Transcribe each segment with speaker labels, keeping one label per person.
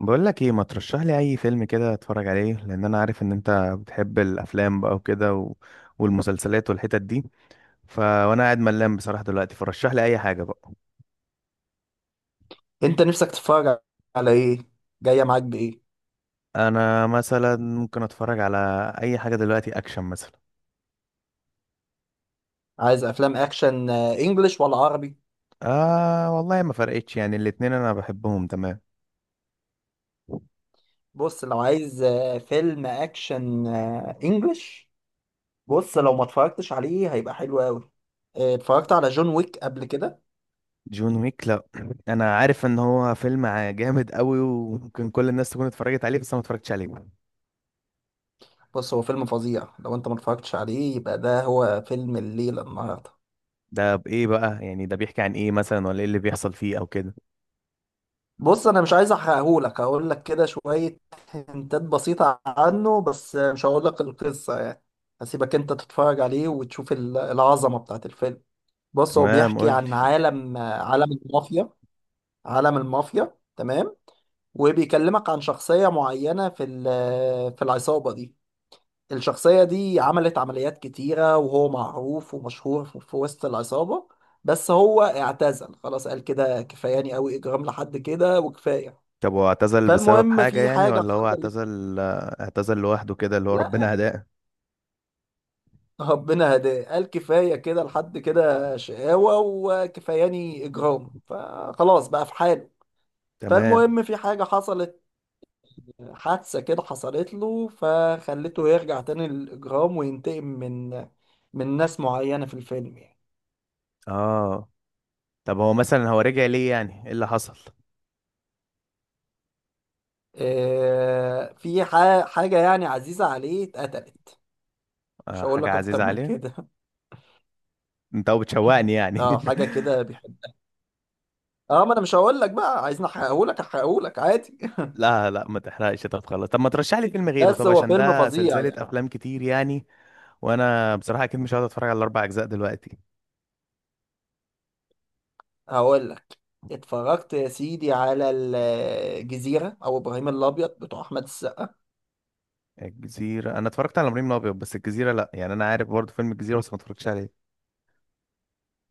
Speaker 1: بقول لك ايه، ما ترشح لي اي فيلم كده اتفرج عليه، لان انا عارف ان انت بتحب الافلام بقى وكده والمسلسلات والحتت دي. وانا قاعد ملان بصراحة دلوقتي، فرشح لي اي حاجة بقى.
Speaker 2: انت نفسك تتفرج على ايه؟ جايه معاك بايه؟
Speaker 1: انا مثلا ممكن اتفرج على اي حاجة دلوقتي، اكشن مثلا.
Speaker 2: عايز افلام اكشن، انجليش ولا عربي؟
Speaker 1: آه والله ما فرقتش يعني، الاتنين انا بحبهم تمام.
Speaker 2: بص، لو عايز فيلم اكشن انجليش. بص، لو ما اتفرجتش عليه هيبقى حلو قوي. اتفرجت على جون ويك قبل كده؟
Speaker 1: جون ويك؟ لا انا عارف ان هو فيلم جامد قوي وممكن كل الناس تكون اتفرجت عليه، بس انا ما اتفرجتش عليه.
Speaker 2: بص، هو فيلم فظيع. لو انت ما اتفرجتش عليه يبقى ده هو فيلم الليله النهارده.
Speaker 1: ده بايه بقى؟ يعني ده بيحكي عن ايه مثلا، ولا ايه اللي بيحصل فيه او كده؟
Speaker 2: بص، انا مش عايز احرقهولك. هقول لك كده شويه هنتات بسيطه عنه، بس مش هقول لك القصه يعني. هسيبك انت تتفرج عليه وتشوف العظمه بتاعت الفيلم. بص، هو
Speaker 1: تمام،
Speaker 2: بيحكي
Speaker 1: قول.
Speaker 2: عن عالم المافيا. عالم المافيا، تمام. وبيكلمك عن شخصية معينة في العصابة دي. الشخصية دي عملت عمليات كتيرة، وهو معروف ومشهور في وسط العصابة. بس هو اعتزل خلاص، قال كده كفاياني قوي إجرام لحد كده وكفاية.
Speaker 1: طب هو اعتزل بسبب
Speaker 2: فالمهم،
Speaker 1: حاجة
Speaker 2: في
Speaker 1: يعني،
Speaker 2: حاجة
Speaker 1: ولا هو
Speaker 2: حصلت.
Speaker 1: اعتزل، اعتزل لوحده كده اللي هو
Speaker 2: لا،
Speaker 1: ربنا هداه؟
Speaker 2: ربنا هداه. قال كفاية كده، لحد كده شقاوة وكفاياني إجرام، فخلاص بقى في حاله.
Speaker 1: تمام.
Speaker 2: فالمهم، في حاجة حصلت. حادثة كده حصلت له فخلته يرجع تاني للإجرام وينتقم من ناس معينة في الفيلم يعني.
Speaker 1: اه. طب هو مثلا هو رجع ليه؟ يعني ايه اللي حصل؟
Speaker 2: في حاجة يعني عزيزة عليه اتقتلت. مش
Speaker 1: آه،
Speaker 2: هقول
Speaker 1: حاجة
Speaker 2: لك أكتر
Speaker 1: عزيزة
Speaker 2: من
Speaker 1: عليه.
Speaker 2: كده.
Speaker 1: انت هو بتشوقني يعني؟
Speaker 2: اه، حاجة كده بيحب. اه، ما أنا مش هقول لك بقى. عايزني أحرقهولك؟ أحرقهولك عادي.
Speaker 1: لا لا ما تحرقش، طب خلاص، طب ما ترشح لي فيلم غيره،
Speaker 2: بس
Speaker 1: طب
Speaker 2: هو
Speaker 1: عشان
Speaker 2: فيلم
Speaker 1: ده
Speaker 2: فظيع
Speaker 1: سلسلة
Speaker 2: يعني.
Speaker 1: افلام كتير يعني. وانا بصراحة اكيد مش هقعد اتفرج على الاربع اجزاء دلوقتي.
Speaker 2: هقول لك. اتفرجت يا سيدي على الجزيرة أو إبراهيم الأبيض بتوع أحمد السقا؟
Speaker 1: الجزيرة؟ انا اتفرجت على ابراهيم الابيض، بس الجزيرة لا، يعني انا عارف برضه فيلم الجزيرة بس ما اتفرجتش عليه.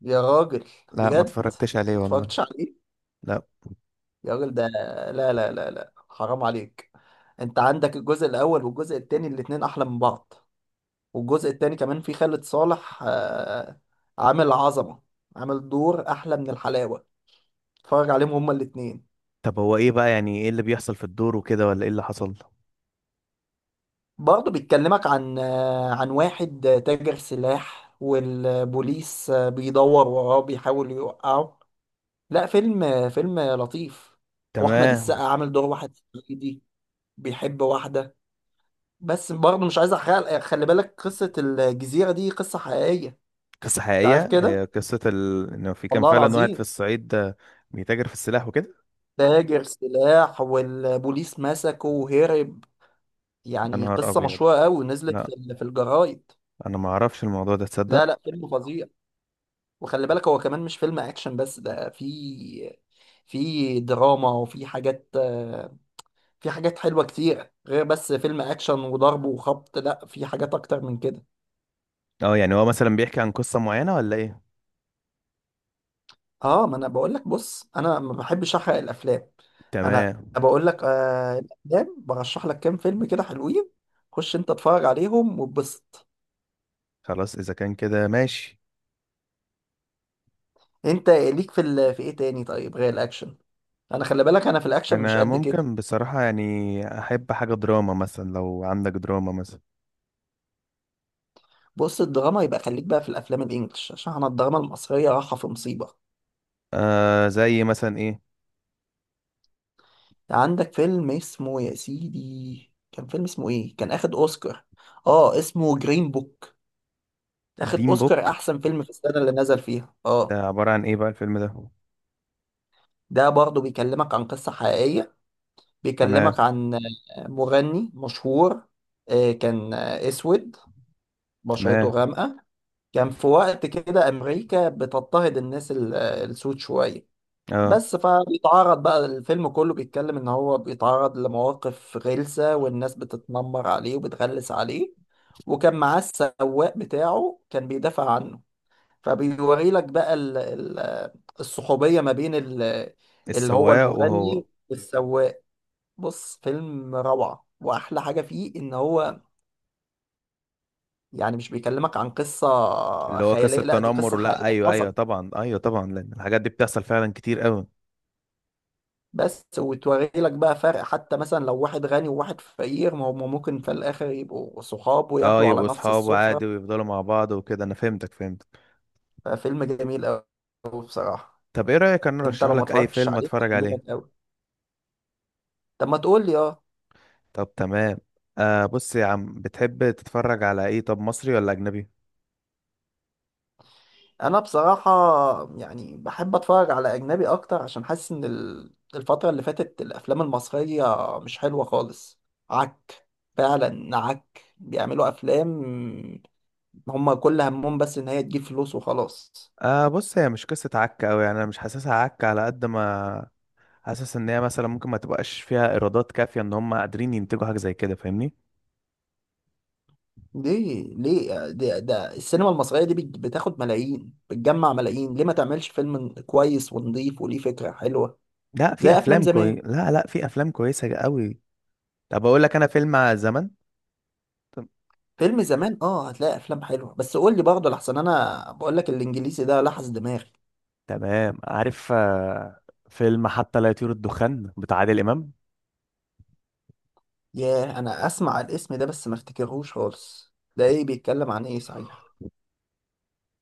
Speaker 2: يا راجل!
Speaker 1: لا ما
Speaker 2: بجد؟
Speaker 1: اتفرجتش عليه
Speaker 2: ما
Speaker 1: والله.
Speaker 2: اتفرجتش عليه؟
Speaker 1: لا.
Speaker 2: يا راجل ده. لا لا لا لا، حرام عليك! انت عندك الجزء الاول والجزء التاني، الاتنين احلى من بعض. والجزء التاني كمان فيه خالد صالح، عامل عظمة. عامل دور احلى من الحلاوة. اتفرج عليهم هما الاتنين.
Speaker 1: طب هو ايه بقى؟ يعني ايه اللي بيحصل في الدور وكده، ولا ايه اللي حصل؟
Speaker 2: برضه بيتكلمك عن عن واحد تاجر سلاح، والبوليس بيدور وراه بيحاول يوقعه. لا، فيلم فيلم لطيف. واحمد السقا
Speaker 1: تمام.
Speaker 2: عامل دور واحد صعيدي. بيحب واحدة. بس برضه مش عايز احرق. خلي بالك قصة الجزيرة دي قصة حقيقية.
Speaker 1: قصة
Speaker 2: انت عارف
Speaker 1: حقيقية؟ هي
Speaker 2: كده.
Speaker 1: قصة ان في كان
Speaker 2: والله
Speaker 1: فعلا واحد في
Speaker 2: العظيم.
Speaker 1: الصعيد، آه، بيتاجر في السلاح وكده.
Speaker 2: تاجر سلاح والبوليس مسكه وهرب.
Speaker 1: يا
Speaker 2: يعني
Speaker 1: نهار
Speaker 2: قصة
Speaker 1: ابيض.
Speaker 2: مشهورة قوي نزلت في
Speaker 1: لا،
Speaker 2: ال- في الجرايد.
Speaker 1: انا ما اعرفش الموضوع ده
Speaker 2: لا
Speaker 1: تصدق.
Speaker 2: لا، فيلم فظيع. وخلي بالك هو كمان مش فيلم اكشن بس، ده في دراما وفي حاجات. في حاجات حلوة كتير، غير بس فيلم اكشن وضرب وخبط. لا، في حاجات اكتر من كده.
Speaker 1: اه، يعني هو مثلا بيحكي عن قصة معينة ولا ايه؟
Speaker 2: اه، ما انا بقول لك. بص، انا ما بحبش احرق الافلام. انا
Speaker 1: تمام.
Speaker 2: بقول لك الافلام برشح لك كام فيلم كده حلوين. خش انت اتفرج عليهم واتبسط.
Speaker 1: خلاص اذا كان كده ماشي.
Speaker 2: انت ليك في ايه تاني طيب غير الاكشن؟ انا، خلي بالك، انا في الاكشن مش
Speaker 1: انا
Speaker 2: قد كده.
Speaker 1: ممكن بصراحة يعني احب حاجة دراما مثلا، لو عندك دراما مثلا.
Speaker 2: بص، الدراما يبقى خليك بقى في الافلام الانجليش، عشان انا الدراما المصريه رايحه في مصيبه.
Speaker 1: آه، زي مثلا ايه؟
Speaker 2: عندك فيلم اسمه يا سيدي، كان فيلم اسمه ايه؟ كان اخد اوسكار. اه، اسمه جرين بوك. اخد
Speaker 1: دين
Speaker 2: اوسكار
Speaker 1: بوك.
Speaker 2: احسن فيلم في السنه اللي نزل فيها، اه.
Speaker 1: ده عبارة عن ايه بقى الفيلم ده؟
Speaker 2: ده برضه بيكلمك عن قصة حقيقية.
Speaker 1: تمام.
Speaker 2: بيكلمك عن مغني مشهور. كان اسود، بشرته
Speaker 1: تمام.
Speaker 2: غامقة. كان في وقت كده امريكا بتضطهد الناس السود شوية.
Speaker 1: اه،
Speaker 2: بس فبيتعرض بقى، الفيلم كله بيتكلم ان هو بيتعرض لمواقف غلسة، والناس بتتنمر عليه وبتغلس عليه. وكان معاه السواق بتاعه كان بيدافع عنه. فبيوري لك بقى الصحوبية ما بين اللي هو
Speaker 1: السواق وهو.
Speaker 2: المغني والسواق. بص، فيلم روعة، واحلى حاجة فيه ان هو، يعني، مش بيكلمك عن قصة
Speaker 1: اللي هو قصة
Speaker 2: خيالية. لا، دي
Speaker 1: تنمر؟
Speaker 2: قصة
Speaker 1: لا،
Speaker 2: حقيقية
Speaker 1: ايوه ايوه
Speaker 2: حصل.
Speaker 1: طبعا، ايوه طبعا، لان الحاجات دي بتحصل فعلا كتير قوي.
Speaker 2: بس وتوري لك بقى فرق، حتى مثلا لو واحد غني وواحد فقير، ما هم ممكن في الاخر يبقوا صحاب
Speaker 1: اه،
Speaker 2: وياكلوا على
Speaker 1: يبقوا
Speaker 2: نفس
Speaker 1: اصحاب عادي
Speaker 2: السفرة.
Speaker 1: ويفضلوا مع بعض وكده. انا فهمتك، فهمتك.
Speaker 2: ففيلم جميل قوي، بصراحة.
Speaker 1: طب ايه رأيك، انا
Speaker 2: انت
Speaker 1: ارشح
Speaker 2: لو ما
Speaker 1: لك اي
Speaker 2: اتفرجتش
Speaker 1: فيلم
Speaker 2: عليه
Speaker 1: اتفرج
Speaker 2: هيعجبك
Speaker 1: عليه؟
Speaker 2: قوي. طب ما تقول لي.
Speaker 1: طب تمام. آه بص يا عم، بتحب تتفرج على ايه؟ طب مصري ولا اجنبي؟
Speaker 2: انا بصراحة يعني بحب اتفرج على اجنبي اكتر، عشان حاسس ان الفترة اللي فاتت الافلام المصرية مش حلوة خالص. عك، فعلا عك، بيعملوا افلام هم كل همهم بس ان هي تجيب فلوس وخلاص.
Speaker 1: آه، بص هي مش قصة عك أوي يعني، أنا مش حاسسها عك على قد ما حاسس إن هي مثلا ممكن ما تبقاش فيها إيرادات كافية إن هم قادرين ينتجوا حاجة زي كده، فاهمني؟
Speaker 2: ليه، ليه ده, ده السينما المصرية دي بتاخد ملايين، بتجمع ملايين، ليه ما تعملش فيلم كويس ونضيف وليه فكرة حلوة؟
Speaker 1: لا في
Speaker 2: زي افلام
Speaker 1: أفلام
Speaker 2: زمان.
Speaker 1: كوي، لا لا، في أفلام كويسة أوي. طب أقول لك أنا فيلم على زمن. تم-
Speaker 2: فيلم زمان، اه، هتلاقي افلام حلوة. بس قول لي برضه لحسن انا بقول لك الانجليزي ده لحس دماغي.
Speaker 1: تمام، عارف. آه، فيلم حتى لا يطير الدخان بتاع عادل إمام.
Speaker 2: ياه، انا اسمع الاسم ده بس ما افتكرهوش خالص. ده ايه؟ بيتكلم عن ايه صحيح؟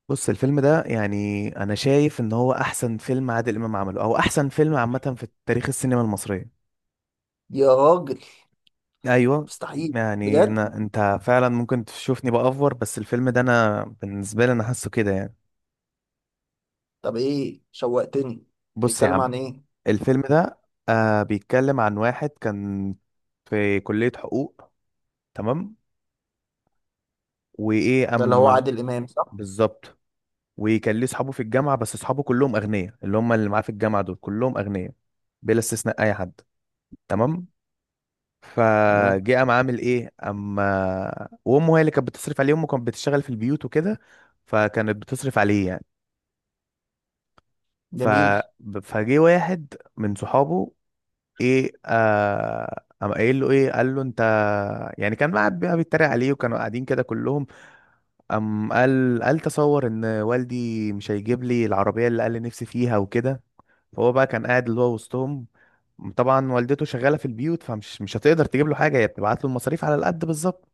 Speaker 1: بص الفيلم ده يعني أنا شايف إن هو أحسن فيلم عادل إمام عمله، أو أحسن فيلم عامة في تاريخ السينما المصرية.
Speaker 2: يا راجل!
Speaker 1: ايوه
Speaker 2: مستحيل!
Speaker 1: يعني،
Speaker 2: بجد؟
Speaker 1: انت فعلا ممكن تشوفني بأفور، بس الفيلم ده انا بالنسبه لي انا حاسه كده يعني.
Speaker 2: طب ايه، شوقتني.
Speaker 1: بص يا
Speaker 2: بيتكلم
Speaker 1: عم،
Speaker 2: عن ايه؟
Speaker 1: الفيلم ده آه بيتكلم عن واحد كان في كليه حقوق. تمام. وايه
Speaker 2: ده اللي هو
Speaker 1: اما.
Speaker 2: عادل امام، صح؟
Speaker 1: بالظبط. وكان ليه اصحابه في الجامعه، بس اصحابه كلهم اغنياء، اللي هم اللي معاه في الجامعه دول كلهم اغنياء، بلا استثناء اي حد.
Speaker 2: مم.
Speaker 1: تمام.
Speaker 2: تمام.
Speaker 1: فجه قام عامل ايه اما، وامه هي اللي كانت بتصرف عليه، امه كانت بتشتغل في البيوت وكده. فكانت بتصرف عليه يعني. ف
Speaker 2: جميل.
Speaker 1: فجه واحد من صحابه، ايه آه قام قايل له ايه، قال له انت، يعني كان قاعد بقى بيتريق عليه، وكانوا قاعدين كده كلهم. قام قال تصور ان والدي مش هيجيب لي العربيه اللي قال لي نفسي فيها وكده. فهو بقى كان قاعد اللي هو وسطهم. طبعا والدته شغاله في البيوت، فمش مش هتقدر تجيب له حاجه، هي بتبعت له المصاريف على القد بالظبط.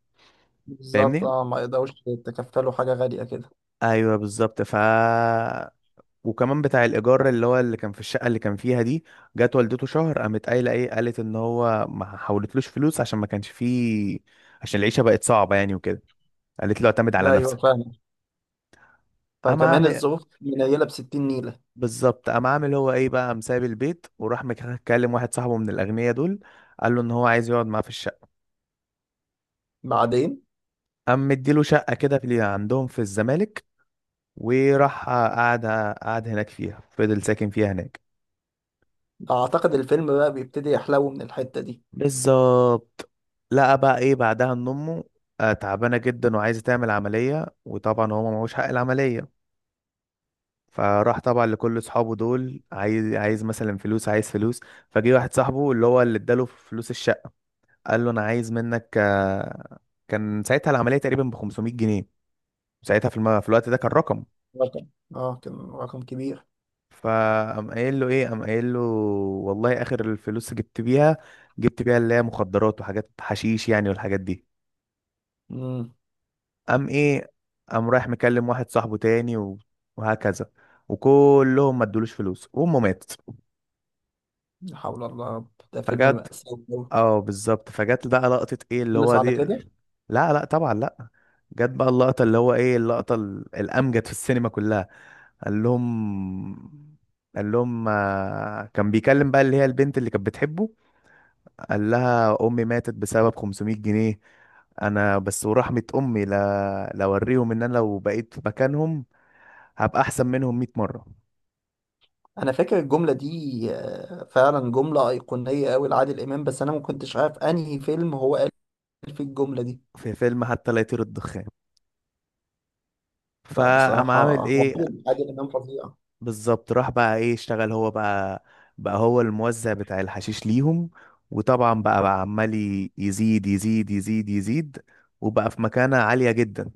Speaker 2: بالظبط.
Speaker 1: فاهمني؟
Speaker 2: اه، ما يقدروش يتكفلوا حاجه غاليه كده.
Speaker 1: ايوه بالظبط. وكمان بتاع الايجار اللي هو اللي كان في الشقه اللي كان فيها دي، جت والدته شهر قامت قايله ايه، قالت ان هو ما حولتلوش فلوس عشان ما كانش فيه، عشان العيشه بقت صعبه يعني وكده. قالت له اعتمد على
Speaker 2: ده ايوه،
Speaker 1: نفسك.
Speaker 2: فاهم.
Speaker 1: قام
Speaker 2: فكمان
Speaker 1: عامل.
Speaker 2: الظروف منيله ب 60 نيله.
Speaker 1: بالظبط، قام عامل هو ايه بقى، قام سايب البيت، وراح مكلم واحد صاحبه من الاغنياء دول، قال له ان هو عايز يقعد معاه في الشقه.
Speaker 2: بعدين.
Speaker 1: قام مديله شقه كده في اللي عندهم في الزمالك، وراح قعد، قعد هناك فيها، فضل ساكن فيها هناك.
Speaker 2: اعتقد الفيلم بقى بيبتدي يحلو من الحته دي.
Speaker 1: بالظبط. لقى بقى ايه بعدها، ان امه آه، تعبانه جدا وعايزه تعمل عمليه، وطبعا هو معهوش حق العمليه. فراح طبعا لكل اصحابه دول، عايز عايز مثلا فلوس، عايز فلوس. فجه واحد صاحبه اللي هو اللي اداله فلوس الشقه، قال له انا عايز منك آه، كان ساعتها العمليه تقريبا ب 500 جنيه. ساعتها في الوقت ده كان رقم.
Speaker 2: رقم. اه، كان رقم كبير.
Speaker 1: فقام قايل له ايه، قام قايل له والله اخر الفلوس جبت بيها، جبت بيها اللي هي مخدرات وحاجات حشيش يعني والحاجات دي.
Speaker 2: امم.
Speaker 1: قام ايه، قام رايح مكلم واحد صاحبه تاني وهكذا. وكلهم ما ادولوش فلوس، وامه ماتت.
Speaker 2: لا حول الله يا رب، ده فيلم
Speaker 1: فجت،
Speaker 2: مأساوي أوي.
Speaker 1: اه بالظبط، فجت بقى لقطة ايه اللي
Speaker 2: خلص
Speaker 1: هو
Speaker 2: على
Speaker 1: دي.
Speaker 2: كده؟
Speaker 1: لا لا طبعا لا. جت بقى اللقطة اللي هو ايه، اللقطة الأمجد في السينما كلها. قال لهم، قال لهم آه، كان بيكلم بقى اللي هي البنت اللي كانت بتحبه، قال لها امي ماتت بسبب 500 جنيه، انا بس ورحمة امي لا لا اوريهم ان انا لو بقيت في مكانهم هبقى احسن منهم 100 مرة.
Speaker 2: انا فاكر الجمله دي، فعلا جمله ايقونيه قوي لعادل امام، بس انا ما كنتش عارف انهي فيلم هو قال فيه الجمله دي.
Speaker 1: في فيلم حتى لا يطير الدخان.
Speaker 2: لا
Speaker 1: فقام
Speaker 2: بصراحه،
Speaker 1: عامل
Speaker 2: هو
Speaker 1: ايه.
Speaker 2: عادل امام فظيع.
Speaker 1: بالظبط، راح بقى ايه، اشتغل هو بقى، بقى هو الموزع بتاع الحشيش ليهم. وطبعا بقى عمال يزيد يزيد يزيد يزيد، وبقى في مكانة عالية جدا.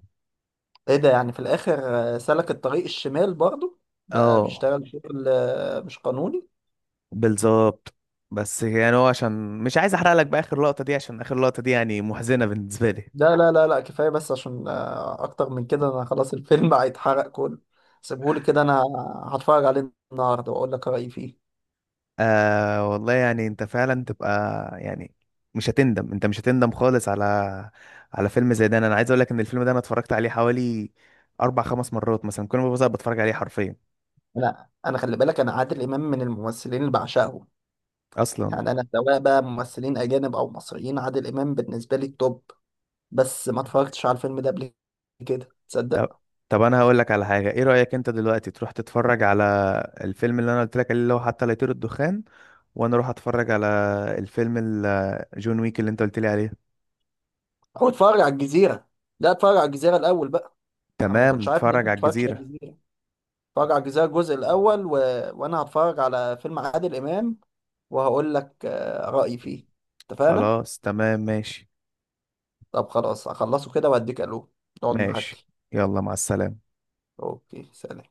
Speaker 2: ايه ده يعني في الاخر؟ سلك الطريق الشمال برضه. بقى
Speaker 1: اه
Speaker 2: بيشتغل شغل مش قانوني.
Speaker 1: بالظبط. بس يعني هو عشان مش عايز احرق لك بقى اخر لقطة دي، عشان اخر لقطة دي يعني محزنة بالنسبة لي.
Speaker 2: لا لا لا لا، كفايه بس، عشان اكتر من كده انا خلاص الفيلم هيتحرق كله. سيبهولي كده انا، هتفرج عليه النهارده واقول لك رايي فيه.
Speaker 1: آه والله يعني انت فعلا تبقى يعني، مش هتندم، انت مش هتندم خالص على، على فيلم زي ده. انا عايز اقول لك ان الفيلم ده انا اتفرجت عليه حوالي اربع خمس مرات مثلا، كل ما ببقى بتفرج عليه حرفيا.
Speaker 2: انا خلي بالك، انا عادل امام من الممثلين اللي بعشقهم.
Speaker 1: اصلا.
Speaker 2: يعني انا سواء بقى ممثلين اجانب او مصريين، عادل امام بالنسبه لي التوب. بس ما اتفرجتش على الفيلم ده قبل كده،
Speaker 1: طب،
Speaker 2: تصدق؟
Speaker 1: طب انا هقول لك على حاجه، ايه رايك انت دلوقتي تروح تتفرج على الفيلم اللي انا قلت لك عليه اللي هو حتى لا يطير الدخان، وانا اروح اتفرج على الفيلم جون ويك اللي انت قلت لي عليه.
Speaker 2: هو اتفرج على الجزيره. لا، اتفرج على الجزيره الاول بقى. انا ما
Speaker 1: تمام،
Speaker 2: كنتش عارف ان انت
Speaker 1: نتفرج
Speaker 2: ما
Speaker 1: على
Speaker 2: اتفرجتش على
Speaker 1: الجزيره.
Speaker 2: الجزيره. اتفرج على الجزيره الجزء الاول وانا هتفرج على فيلم عادل امام، وهقول لك رايي فيه. اتفقنا؟
Speaker 1: خلاص تمام ماشي.
Speaker 2: طب خلاص، هخلصه كده واديك الو. نقعد
Speaker 1: ماشي،
Speaker 2: نحكي.
Speaker 1: يلا مع السلامه.
Speaker 2: اوكي، سلام.